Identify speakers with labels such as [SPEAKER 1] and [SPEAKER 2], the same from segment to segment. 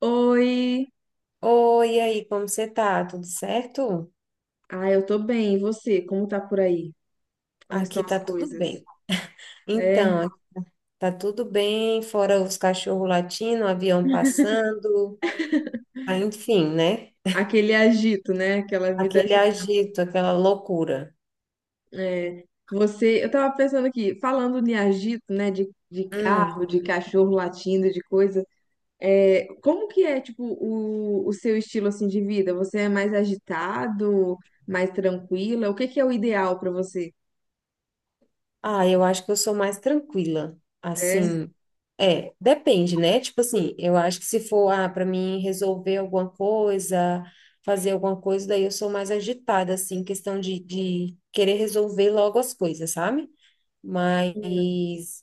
[SPEAKER 1] Oi!
[SPEAKER 2] Oi, e aí, como você tá? Tudo certo?
[SPEAKER 1] Ah, eu tô bem. E você? Como tá por aí? Como
[SPEAKER 2] Aqui
[SPEAKER 1] estão as
[SPEAKER 2] tá tudo
[SPEAKER 1] coisas?
[SPEAKER 2] bem.
[SPEAKER 1] É,
[SPEAKER 2] Então, aqui tá tudo bem, fora os cachorros latindo, o avião passando, ah, enfim, né?
[SPEAKER 1] aquele agito, né? Aquela vida
[SPEAKER 2] Aquele
[SPEAKER 1] agitada.
[SPEAKER 2] agito, aquela loucura.
[SPEAKER 1] É, você, eu tava pensando aqui, falando de agito, né? De
[SPEAKER 2] Hum.
[SPEAKER 1] carro, de cachorro latindo, de coisa. É, como que é, tipo, o seu estilo, assim, de vida? Você é mais agitado, mais tranquila? O que que é o ideal pra você?
[SPEAKER 2] Ah, eu acho que eu sou mais tranquila.
[SPEAKER 1] É?
[SPEAKER 2] Assim, é, depende, né? Tipo assim, eu acho que se for, ah, para mim resolver alguma coisa, fazer alguma coisa, daí eu sou mais agitada, assim, questão de querer resolver logo as coisas, sabe? Mas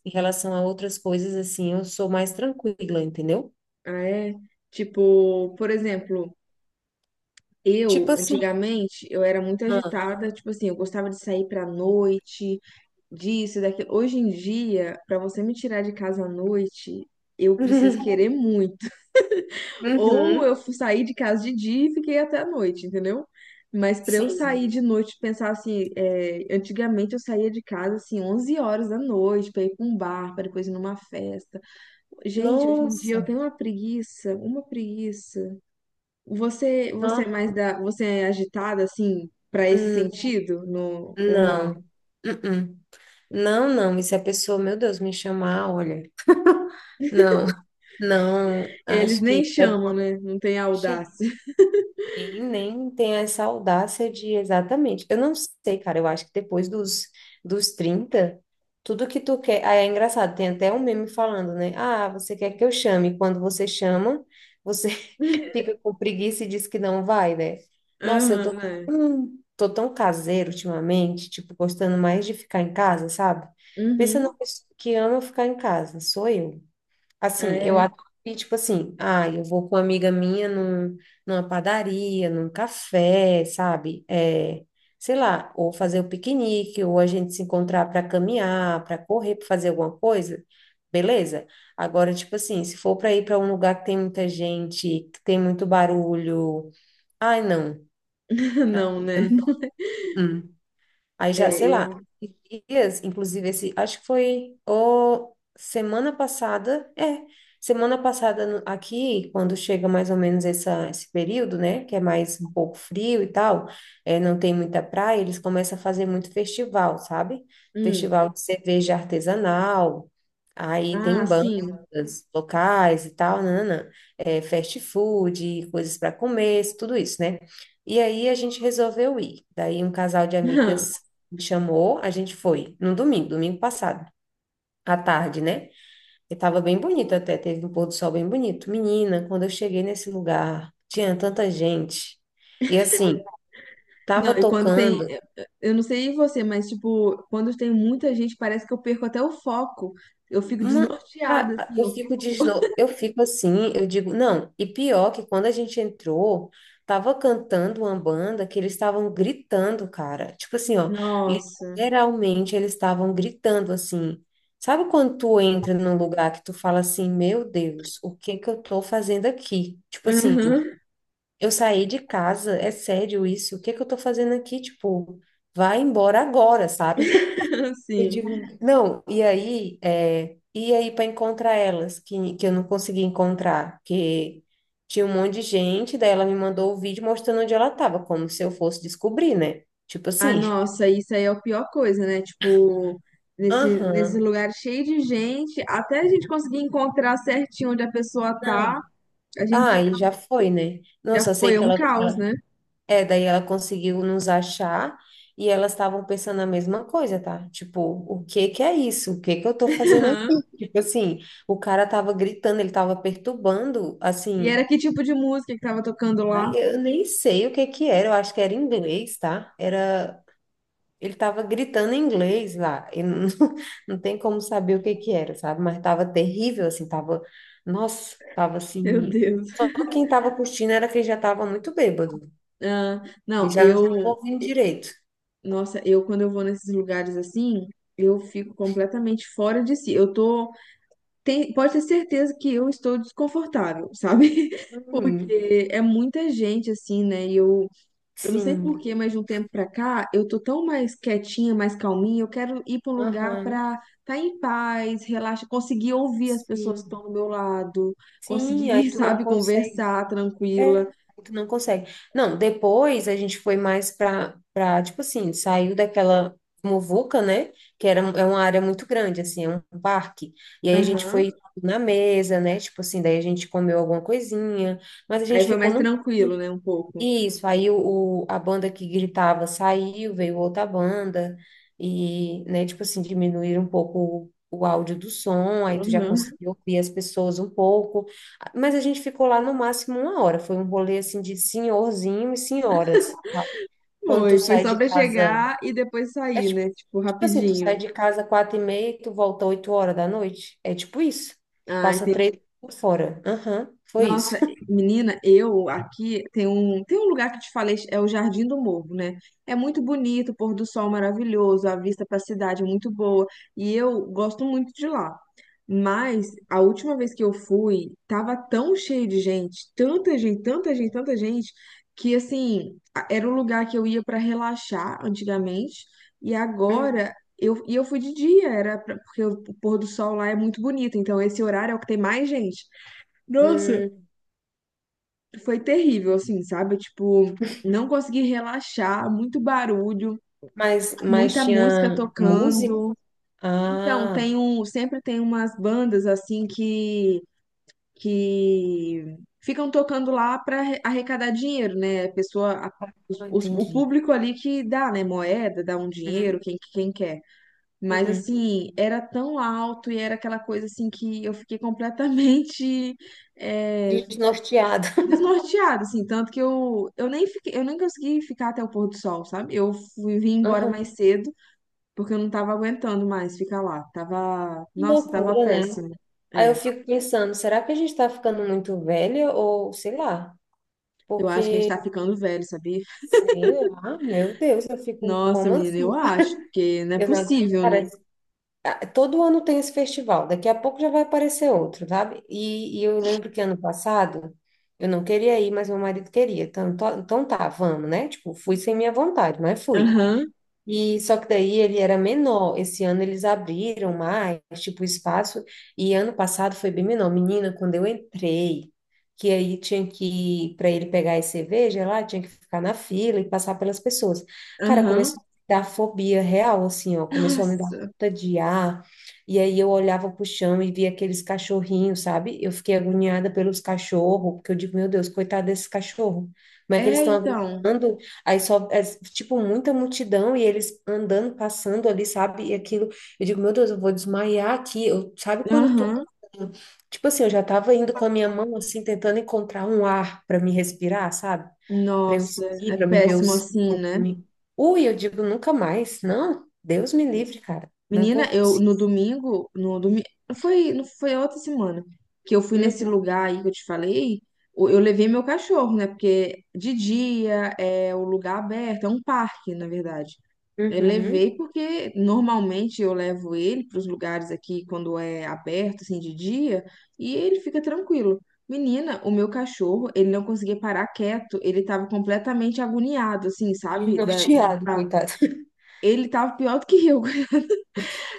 [SPEAKER 2] em relação a outras coisas, assim, eu sou mais tranquila, entendeu?
[SPEAKER 1] Ah, é? Tipo, por exemplo.
[SPEAKER 2] Tipo
[SPEAKER 1] Eu,
[SPEAKER 2] assim.
[SPEAKER 1] antigamente, eu era muito
[SPEAKER 2] Ah.
[SPEAKER 1] agitada, tipo assim, eu gostava de sair pra noite, disso, e daquilo. Hoje em dia, pra você me tirar de casa à noite, eu preciso querer muito. Ou
[SPEAKER 2] Uhum,
[SPEAKER 1] saí de casa de dia e fiquei até a noite, entendeu? Mas pra eu sair
[SPEAKER 2] sim.
[SPEAKER 1] de noite, pensar assim, é, antigamente eu saía de casa assim 11 horas da noite pra ir pra um bar, pra depois ir numa festa. Gente, hoje em dia eu
[SPEAKER 2] Nossa.
[SPEAKER 1] tenho uma preguiça, uma preguiça. Você, você é
[SPEAKER 2] Ah,
[SPEAKER 1] mais da, você é agitada assim para esse
[SPEAKER 2] hum,
[SPEAKER 1] sentido, no, ou não?
[SPEAKER 2] não. Uh-uh. Não, não. E se a pessoa, meu Deus, me chamar, olha. Não, não.
[SPEAKER 1] Eles
[SPEAKER 2] Acho
[SPEAKER 1] nem
[SPEAKER 2] que é.
[SPEAKER 1] chamam, né? Não tem audácia.
[SPEAKER 2] E nem tem essa audácia de exatamente. Eu não sei, cara, eu acho que depois dos 30 tudo que tu quer. Aí é engraçado, tem até um meme falando, né? Ah, você quer que eu chame? Quando você chama, você fica com preguiça e diz que não vai, né? Nossa, eu
[SPEAKER 1] Aham,
[SPEAKER 2] tô,
[SPEAKER 1] né?
[SPEAKER 2] hum, tô tão caseiro ultimamente, tipo, gostando mais de ficar em casa, sabe? Pensa
[SPEAKER 1] Uhum.
[SPEAKER 2] numa pessoa que ama ficar em casa, sou eu. Assim, eu
[SPEAKER 1] É.
[SPEAKER 2] acho que, tipo assim, ah, eu vou com uma amiga minha numa padaria, num café, sabe? É, sei lá, ou fazer o piquenique, ou a gente se encontrar para caminhar, para correr, para fazer alguma coisa, beleza? Agora, tipo assim, se for para ir para um lugar que tem muita gente, que tem muito barulho, ai, não.
[SPEAKER 1] Não, né?
[SPEAKER 2] Hum. Aí já,
[SPEAKER 1] É,
[SPEAKER 2] sei lá,
[SPEAKER 1] eu.
[SPEAKER 2] esses dias, inclusive esse, acho que foi ou semana passada, é, semana passada aqui, quando chega mais ou menos essa, esse período, né, que é mais um pouco frio e tal, é, não tem muita praia, eles começam a fazer muito festival, sabe?
[SPEAKER 1] Hum.
[SPEAKER 2] Festival de cerveja artesanal, aí
[SPEAKER 1] Ah,
[SPEAKER 2] tem
[SPEAKER 1] sim.
[SPEAKER 2] bandas locais e tal, nanana, é, fast food, coisas para comer, tudo isso, né? E aí a gente resolveu ir. Daí um casal de amigas me chamou, a gente foi no domingo, domingo passado, à tarde, né? E tava bem bonito até, teve um pôr do sol bem bonito. Menina, quando eu cheguei nesse lugar, tinha tanta gente. E assim,
[SPEAKER 1] Não,
[SPEAKER 2] tava
[SPEAKER 1] e quando tem.
[SPEAKER 2] tocando.
[SPEAKER 1] Eu não sei você, mas, tipo, quando tem muita gente, parece que eu perco até o foco. Eu fico
[SPEAKER 2] Não,
[SPEAKER 1] desnorteada, assim.
[SPEAKER 2] eu
[SPEAKER 1] Eu
[SPEAKER 2] fico
[SPEAKER 1] fico.
[SPEAKER 2] eu fico assim, eu digo, não, e pior que quando a gente entrou, tava cantando uma banda que eles estavam gritando, cara. Tipo assim, ó,
[SPEAKER 1] Nossa.
[SPEAKER 2] literalmente eles estavam gritando assim. Sabe quando tu entra num lugar que tu fala assim, meu Deus, o que que eu tô fazendo aqui? Tipo assim,
[SPEAKER 1] Aham.
[SPEAKER 2] eu saí de casa, é sério isso? O que que eu tô fazendo aqui? Tipo, vai embora agora, sabe? Eu
[SPEAKER 1] Sim.
[SPEAKER 2] digo, não, e aí para encontrar elas, que eu não consegui encontrar, que tinha um monte de gente, daí ela me mandou o vídeo mostrando onde ela estava, como se eu fosse descobrir, né? Tipo
[SPEAKER 1] Ah,
[SPEAKER 2] assim,
[SPEAKER 1] nossa, isso aí é a pior coisa, né? Tipo, nesse
[SPEAKER 2] aham,
[SPEAKER 1] lugar cheio de gente, até a gente conseguir encontrar certinho onde a pessoa tá,
[SPEAKER 2] não.
[SPEAKER 1] a gente
[SPEAKER 2] Ah,
[SPEAKER 1] já,
[SPEAKER 2] e já foi, né? Não,
[SPEAKER 1] já
[SPEAKER 2] só sei
[SPEAKER 1] foi é
[SPEAKER 2] que
[SPEAKER 1] um caos,
[SPEAKER 2] ela-
[SPEAKER 1] né?
[SPEAKER 2] é, daí ela conseguiu nos achar e elas estavam pensando a mesma coisa, tá? Tipo, o que que é isso? O que que eu tô fazendo aqui? Tipo assim, o cara tava gritando, ele tava perturbando,
[SPEAKER 1] E
[SPEAKER 2] assim.
[SPEAKER 1] era que tipo de música que tava tocando
[SPEAKER 2] Ai,
[SPEAKER 1] lá?
[SPEAKER 2] eu nem sei o que que era, eu acho que era inglês, tá? Era, ele tava gritando em inglês lá, e não, não tem como saber o que que era, sabe? Mas tava terrível, assim, tava, nossa, tava assim,
[SPEAKER 1] Meu Deus.
[SPEAKER 2] só quem tava curtindo era quem já tava muito bêbado,
[SPEAKER 1] Ah,
[SPEAKER 2] e
[SPEAKER 1] não,
[SPEAKER 2] já não tava
[SPEAKER 1] eu,
[SPEAKER 2] ouvindo direito.
[SPEAKER 1] nossa, eu quando eu vou nesses lugares assim, eu fico completamente fora de si. Eu tô, tem, pode ter certeza que eu estou desconfortável, sabe?
[SPEAKER 2] Hum,
[SPEAKER 1] Porque é muita gente assim, né? E eu não sei por
[SPEAKER 2] sim,
[SPEAKER 1] quê, mas de um tempo pra cá, eu tô tão mais quietinha, mais calminha. Eu quero ir pra um lugar
[SPEAKER 2] aham,
[SPEAKER 1] pra estar, tá em paz, relaxa, conseguir ouvir as pessoas que
[SPEAKER 2] sim,
[SPEAKER 1] estão do meu lado,
[SPEAKER 2] sim, aí
[SPEAKER 1] conseguir,
[SPEAKER 2] tu não
[SPEAKER 1] sabe,
[SPEAKER 2] consegue.
[SPEAKER 1] conversar
[SPEAKER 2] É, aí
[SPEAKER 1] tranquila.
[SPEAKER 2] tu não consegue. Não, depois a gente foi mais pra tipo assim, saiu daquela muvuca, né? Que era, é uma área muito grande, assim, é um parque. E aí a gente foi
[SPEAKER 1] Aham.
[SPEAKER 2] na mesa, né? Tipo assim, daí a gente comeu alguma coisinha, mas a
[SPEAKER 1] Aí
[SPEAKER 2] gente
[SPEAKER 1] foi
[SPEAKER 2] ficou
[SPEAKER 1] mais
[SPEAKER 2] num
[SPEAKER 1] tranquilo, né, um pouco.
[SPEAKER 2] isso, aí o a banda que gritava saiu, veio outra banda, e, né, tipo assim, diminuíram um pouco o áudio do som, aí tu já
[SPEAKER 1] Aham.
[SPEAKER 2] conseguiu ouvir as pessoas um pouco, mas a gente ficou lá no máximo uma hora, foi um rolê, assim, de senhorzinho e senhoras. Quando tu
[SPEAKER 1] Foi, foi
[SPEAKER 2] sai
[SPEAKER 1] só
[SPEAKER 2] de
[SPEAKER 1] pra
[SPEAKER 2] casa,
[SPEAKER 1] chegar e depois
[SPEAKER 2] é
[SPEAKER 1] sair,
[SPEAKER 2] tipo,
[SPEAKER 1] né, tipo,
[SPEAKER 2] tipo assim, tu sai
[SPEAKER 1] rapidinho.
[SPEAKER 2] de casa 4h30 e tu volta 8 horas da noite, é tipo isso,
[SPEAKER 1] Ah,
[SPEAKER 2] passa
[SPEAKER 1] entendi.
[SPEAKER 2] três por fora, aham, foi isso.
[SPEAKER 1] Nossa, menina, eu aqui tem um lugar que te falei, é o Jardim do Morro, né? É muito bonito, o pôr do sol maravilhoso, a vista para a cidade é muito boa, e eu gosto muito de lá. Mas a última vez que eu fui, tava tão cheio de gente, tanta gente, tanta gente, tanta gente, que assim, a- era um lugar que eu ia para relaxar antigamente, e agora eu, e eu fui de dia, era pra- porque o pôr do sol lá é muito bonito, então esse horário é o que tem mais gente. Nossa,
[SPEAKER 2] Hum.
[SPEAKER 1] foi terrível, assim, sabe? Tipo, não consegui relaxar, muito barulho,
[SPEAKER 2] Mas
[SPEAKER 1] muita música
[SPEAKER 2] tinha música?
[SPEAKER 1] tocando. Então,
[SPEAKER 2] Ah,
[SPEAKER 1] tem um, sempre tem umas bandas assim que ficam tocando lá para arrecadar dinheiro, né? A pessoa a-
[SPEAKER 2] ah,
[SPEAKER 1] os- o
[SPEAKER 2] entendi.
[SPEAKER 1] público ali que dá, né, moeda, dá um dinheiro,
[SPEAKER 2] Uhum.
[SPEAKER 1] quem, quem quer. Mas
[SPEAKER 2] Uhum.
[SPEAKER 1] assim, era tão alto e era aquela coisa assim que eu fiquei completamente eh,
[SPEAKER 2] Desnorteado.
[SPEAKER 1] desnorteada, assim, tanto que eu nem fiquei, eu nem consegui ficar até o pôr do sol, sabe? Eu fui, vim embora
[SPEAKER 2] Aham.
[SPEAKER 1] mais cedo, porque eu não tava aguentando mais ficar lá. Tava,
[SPEAKER 2] Que
[SPEAKER 1] nossa, tava
[SPEAKER 2] loucura, né?
[SPEAKER 1] péssimo.
[SPEAKER 2] Aí eu
[SPEAKER 1] É,
[SPEAKER 2] fico pensando, será que a gente tá ficando muito velha ou sei lá?
[SPEAKER 1] eu acho que a gente
[SPEAKER 2] Porque,
[SPEAKER 1] tá ficando velho, sabia?
[SPEAKER 2] sei lá, meu Deus, eu fico,
[SPEAKER 1] Nossa,
[SPEAKER 2] como
[SPEAKER 1] menina, eu
[SPEAKER 2] assim?
[SPEAKER 1] acho, porque não é
[SPEAKER 2] Eu não,
[SPEAKER 1] possível,
[SPEAKER 2] cara,
[SPEAKER 1] né?
[SPEAKER 2] todo ano tem esse festival, daqui a pouco já vai aparecer outro, sabe? E eu lembro que ano passado eu não queria ir, mas meu marido queria. Então, então tá, vamos, né? Tipo, fui sem minha vontade, mas fui.
[SPEAKER 1] Aham,
[SPEAKER 2] E só que daí ele era menor. Esse ano eles abriram mais, tipo, o espaço. E ano passado foi bem menor. Menina, quando eu entrei, que aí tinha que, para ele pegar as cerveja lá, tinha que ficar na fila e passar pelas pessoas. Cara,
[SPEAKER 1] aham.
[SPEAKER 2] começou a me dar fobia real, assim, ó. Começou a me dar
[SPEAKER 1] Nossa.
[SPEAKER 2] falta de ar. E aí eu olhava pro chão e via aqueles cachorrinhos, sabe? Eu fiquei agoniada pelos cachorros, porque eu digo, meu Deus, coitado desses cachorros. Como é que eles
[SPEAKER 1] É,
[SPEAKER 2] estão
[SPEAKER 1] então.
[SPEAKER 2] aguentando? Aí só, é, tipo, muita multidão e eles andando, passando ali, sabe? E aquilo, eu digo, meu Deus, eu vou desmaiar aqui. Eu, sabe quando tu.
[SPEAKER 1] Aham.
[SPEAKER 2] Tipo assim, eu já tava indo com a minha mão, assim, tentando encontrar um ar para me respirar, sabe? Para eu
[SPEAKER 1] Nossa,
[SPEAKER 2] seguir,
[SPEAKER 1] é
[SPEAKER 2] para me ver
[SPEAKER 1] péssimo
[SPEAKER 2] os.
[SPEAKER 1] assim, né?
[SPEAKER 2] Ui, eu digo, nunca mais. Não, Deus me livre, cara. Não
[SPEAKER 1] Menina, eu
[SPEAKER 2] consigo.
[SPEAKER 1] no domingo, no domingo, foi, não foi outra semana que eu fui nesse
[SPEAKER 2] Uhum,
[SPEAKER 1] lugar aí que eu te falei, o- eu levei meu cachorro, né? Porque de dia é o lugar aberto, é um parque, na verdade. Eu
[SPEAKER 2] uhum.
[SPEAKER 1] levei porque normalmente eu levo ele para os lugares aqui quando é aberto, assim, de dia, e ele fica tranquilo. Menina, o meu cachorro, ele não conseguia parar quieto, ele estava completamente agoniado, assim, sabe? Da, de
[SPEAKER 2] Desnorteado,
[SPEAKER 1] tá,
[SPEAKER 2] coitado.
[SPEAKER 1] ele tava pior do que eu. coitado.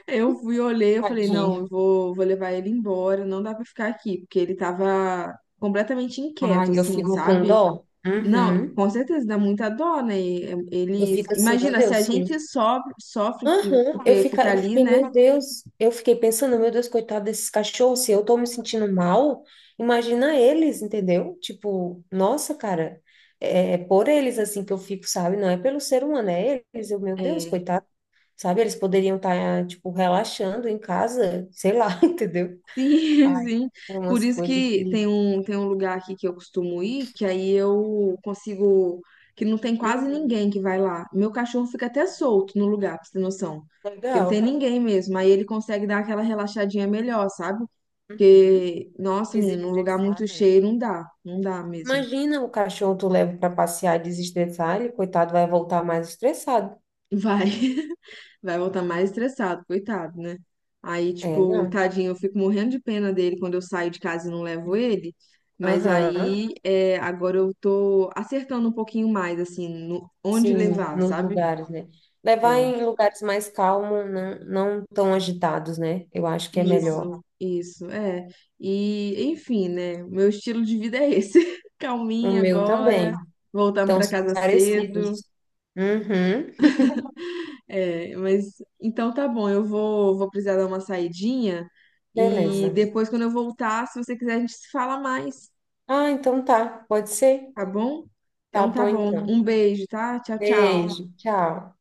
[SPEAKER 1] Eu fui, olhei, eu falei, não,
[SPEAKER 2] Tadinho.
[SPEAKER 1] eu vou, vou levar ele embora, não dá pra ficar aqui, porque ele tava completamente inquieto,
[SPEAKER 2] Ai, eu
[SPEAKER 1] assim,
[SPEAKER 2] fico com
[SPEAKER 1] sabe?
[SPEAKER 2] dó.
[SPEAKER 1] Não,
[SPEAKER 2] Uhum.
[SPEAKER 1] com certeza dá muita dó, né? E, é,
[SPEAKER 2] Eu
[SPEAKER 1] eles,
[SPEAKER 2] fico assim, meu
[SPEAKER 1] imagina, se
[SPEAKER 2] Deus,
[SPEAKER 1] a
[SPEAKER 2] se.
[SPEAKER 1] gente sofre, sofre que-
[SPEAKER 2] Aham. Eu
[SPEAKER 1] porque
[SPEAKER 2] fica,
[SPEAKER 1] fica
[SPEAKER 2] eu
[SPEAKER 1] ali,
[SPEAKER 2] fiquei,
[SPEAKER 1] né?
[SPEAKER 2] meu Deus, eu fiquei pensando, meu Deus, coitado desses cachorros, se eu tô me sentindo mal, imagina eles, entendeu? Tipo, nossa, cara, é por eles assim que eu fico, sabe? Não é pelo ser humano, é eles, eu, meu Deus,
[SPEAKER 1] É,
[SPEAKER 2] coitado, sabe? Eles poderiam estar, tipo, relaxando em casa, sei lá, entendeu?
[SPEAKER 1] sim,
[SPEAKER 2] Ai,
[SPEAKER 1] sim.
[SPEAKER 2] tem
[SPEAKER 1] Por
[SPEAKER 2] umas
[SPEAKER 1] isso
[SPEAKER 2] coisas
[SPEAKER 1] que
[SPEAKER 2] que...
[SPEAKER 1] tem um lugar aqui que eu costumo ir, que aí eu consigo, que não tem quase
[SPEAKER 2] Uhum,
[SPEAKER 1] ninguém que vai lá. Meu cachorro fica até solto no lugar, pra você ter noção. Porque não tem
[SPEAKER 2] legal.
[SPEAKER 1] ninguém mesmo. Aí ele consegue dar aquela relaxadinha melhor, sabe?
[SPEAKER 2] Uhum.
[SPEAKER 1] Porque, nossa, menino, um lugar
[SPEAKER 2] Desestressar,
[SPEAKER 1] muito
[SPEAKER 2] né?
[SPEAKER 1] cheio não dá, não dá mesmo.
[SPEAKER 2] Imagina o cachorro tu leva para passear e desestressar, ele, coitado, vai voltar mais estressado.
[SPEAKER 1] Vai. Vai voltar mais estressado, coitado, né? Aí,
[SPEAKER 2] É,
[SPEAKER 1] tipo,
[SPEAKER 2] não.
[SPEAKER 1] tadinho, eu fico morrendo de pena dele quando eu saio de casa e não levo ele. Mas
[SPEAKER 2] Aham.
[SPEAKER 1] aí, é, agora eu tô acertando um pouquinho mais, assim, no, onde
[SPEAKER 2] Sim,
[SPEAKER 1] levar,
[SPEAKER 2] nos
[SPEAKER 1] sabe?
[SPEAKER 2] lugares, né? Levar
[SPEAKER 1] É,
[SPEAKER 2] em lugares mais calmos, não, não tão agitados, né? Eu acho que é melhor.
[SPEAKER 1] isso, é. E, enfim, né? Meu estilo de vida é esse.
[SPEAKER 2] O
[SPEAKER 1] Calminha
[SPEAKER 2] meu
[SPEAKER 1] agora,
[SPEAKER 2] também.
[SPEAKER 1] voltando
[SPEAKER 2] Então,
[SPEAKER 1] pra
[SPEAKER 2] são
[SPEAKER 1] casa cedo.
[SPEAKER 2] parecidos. Uhum.
[SPEAKER 1] É, mas então tá bom, eu vou, vou precisar dar uma saidinha e
[SPEAKER 2] Beleza.
[SPEAKER 1] depois, quando eu voltar, se você quiser, a gente se fala mais,
[SPEAKER 2] Ah, então tá. Pode ser?
[SPEAKER 1] tá bom?
[SPEAKER 2] Tá
[SPEAKER 1] Então tá
[SPEAKER 2] bom,
[SPEAKER 1] bom,
[SPEAKER 2] então.
[SPEAKER 1] um beijo, tá? Tchau, tchau.
[SPEAKER 2] Beijo. Tchau.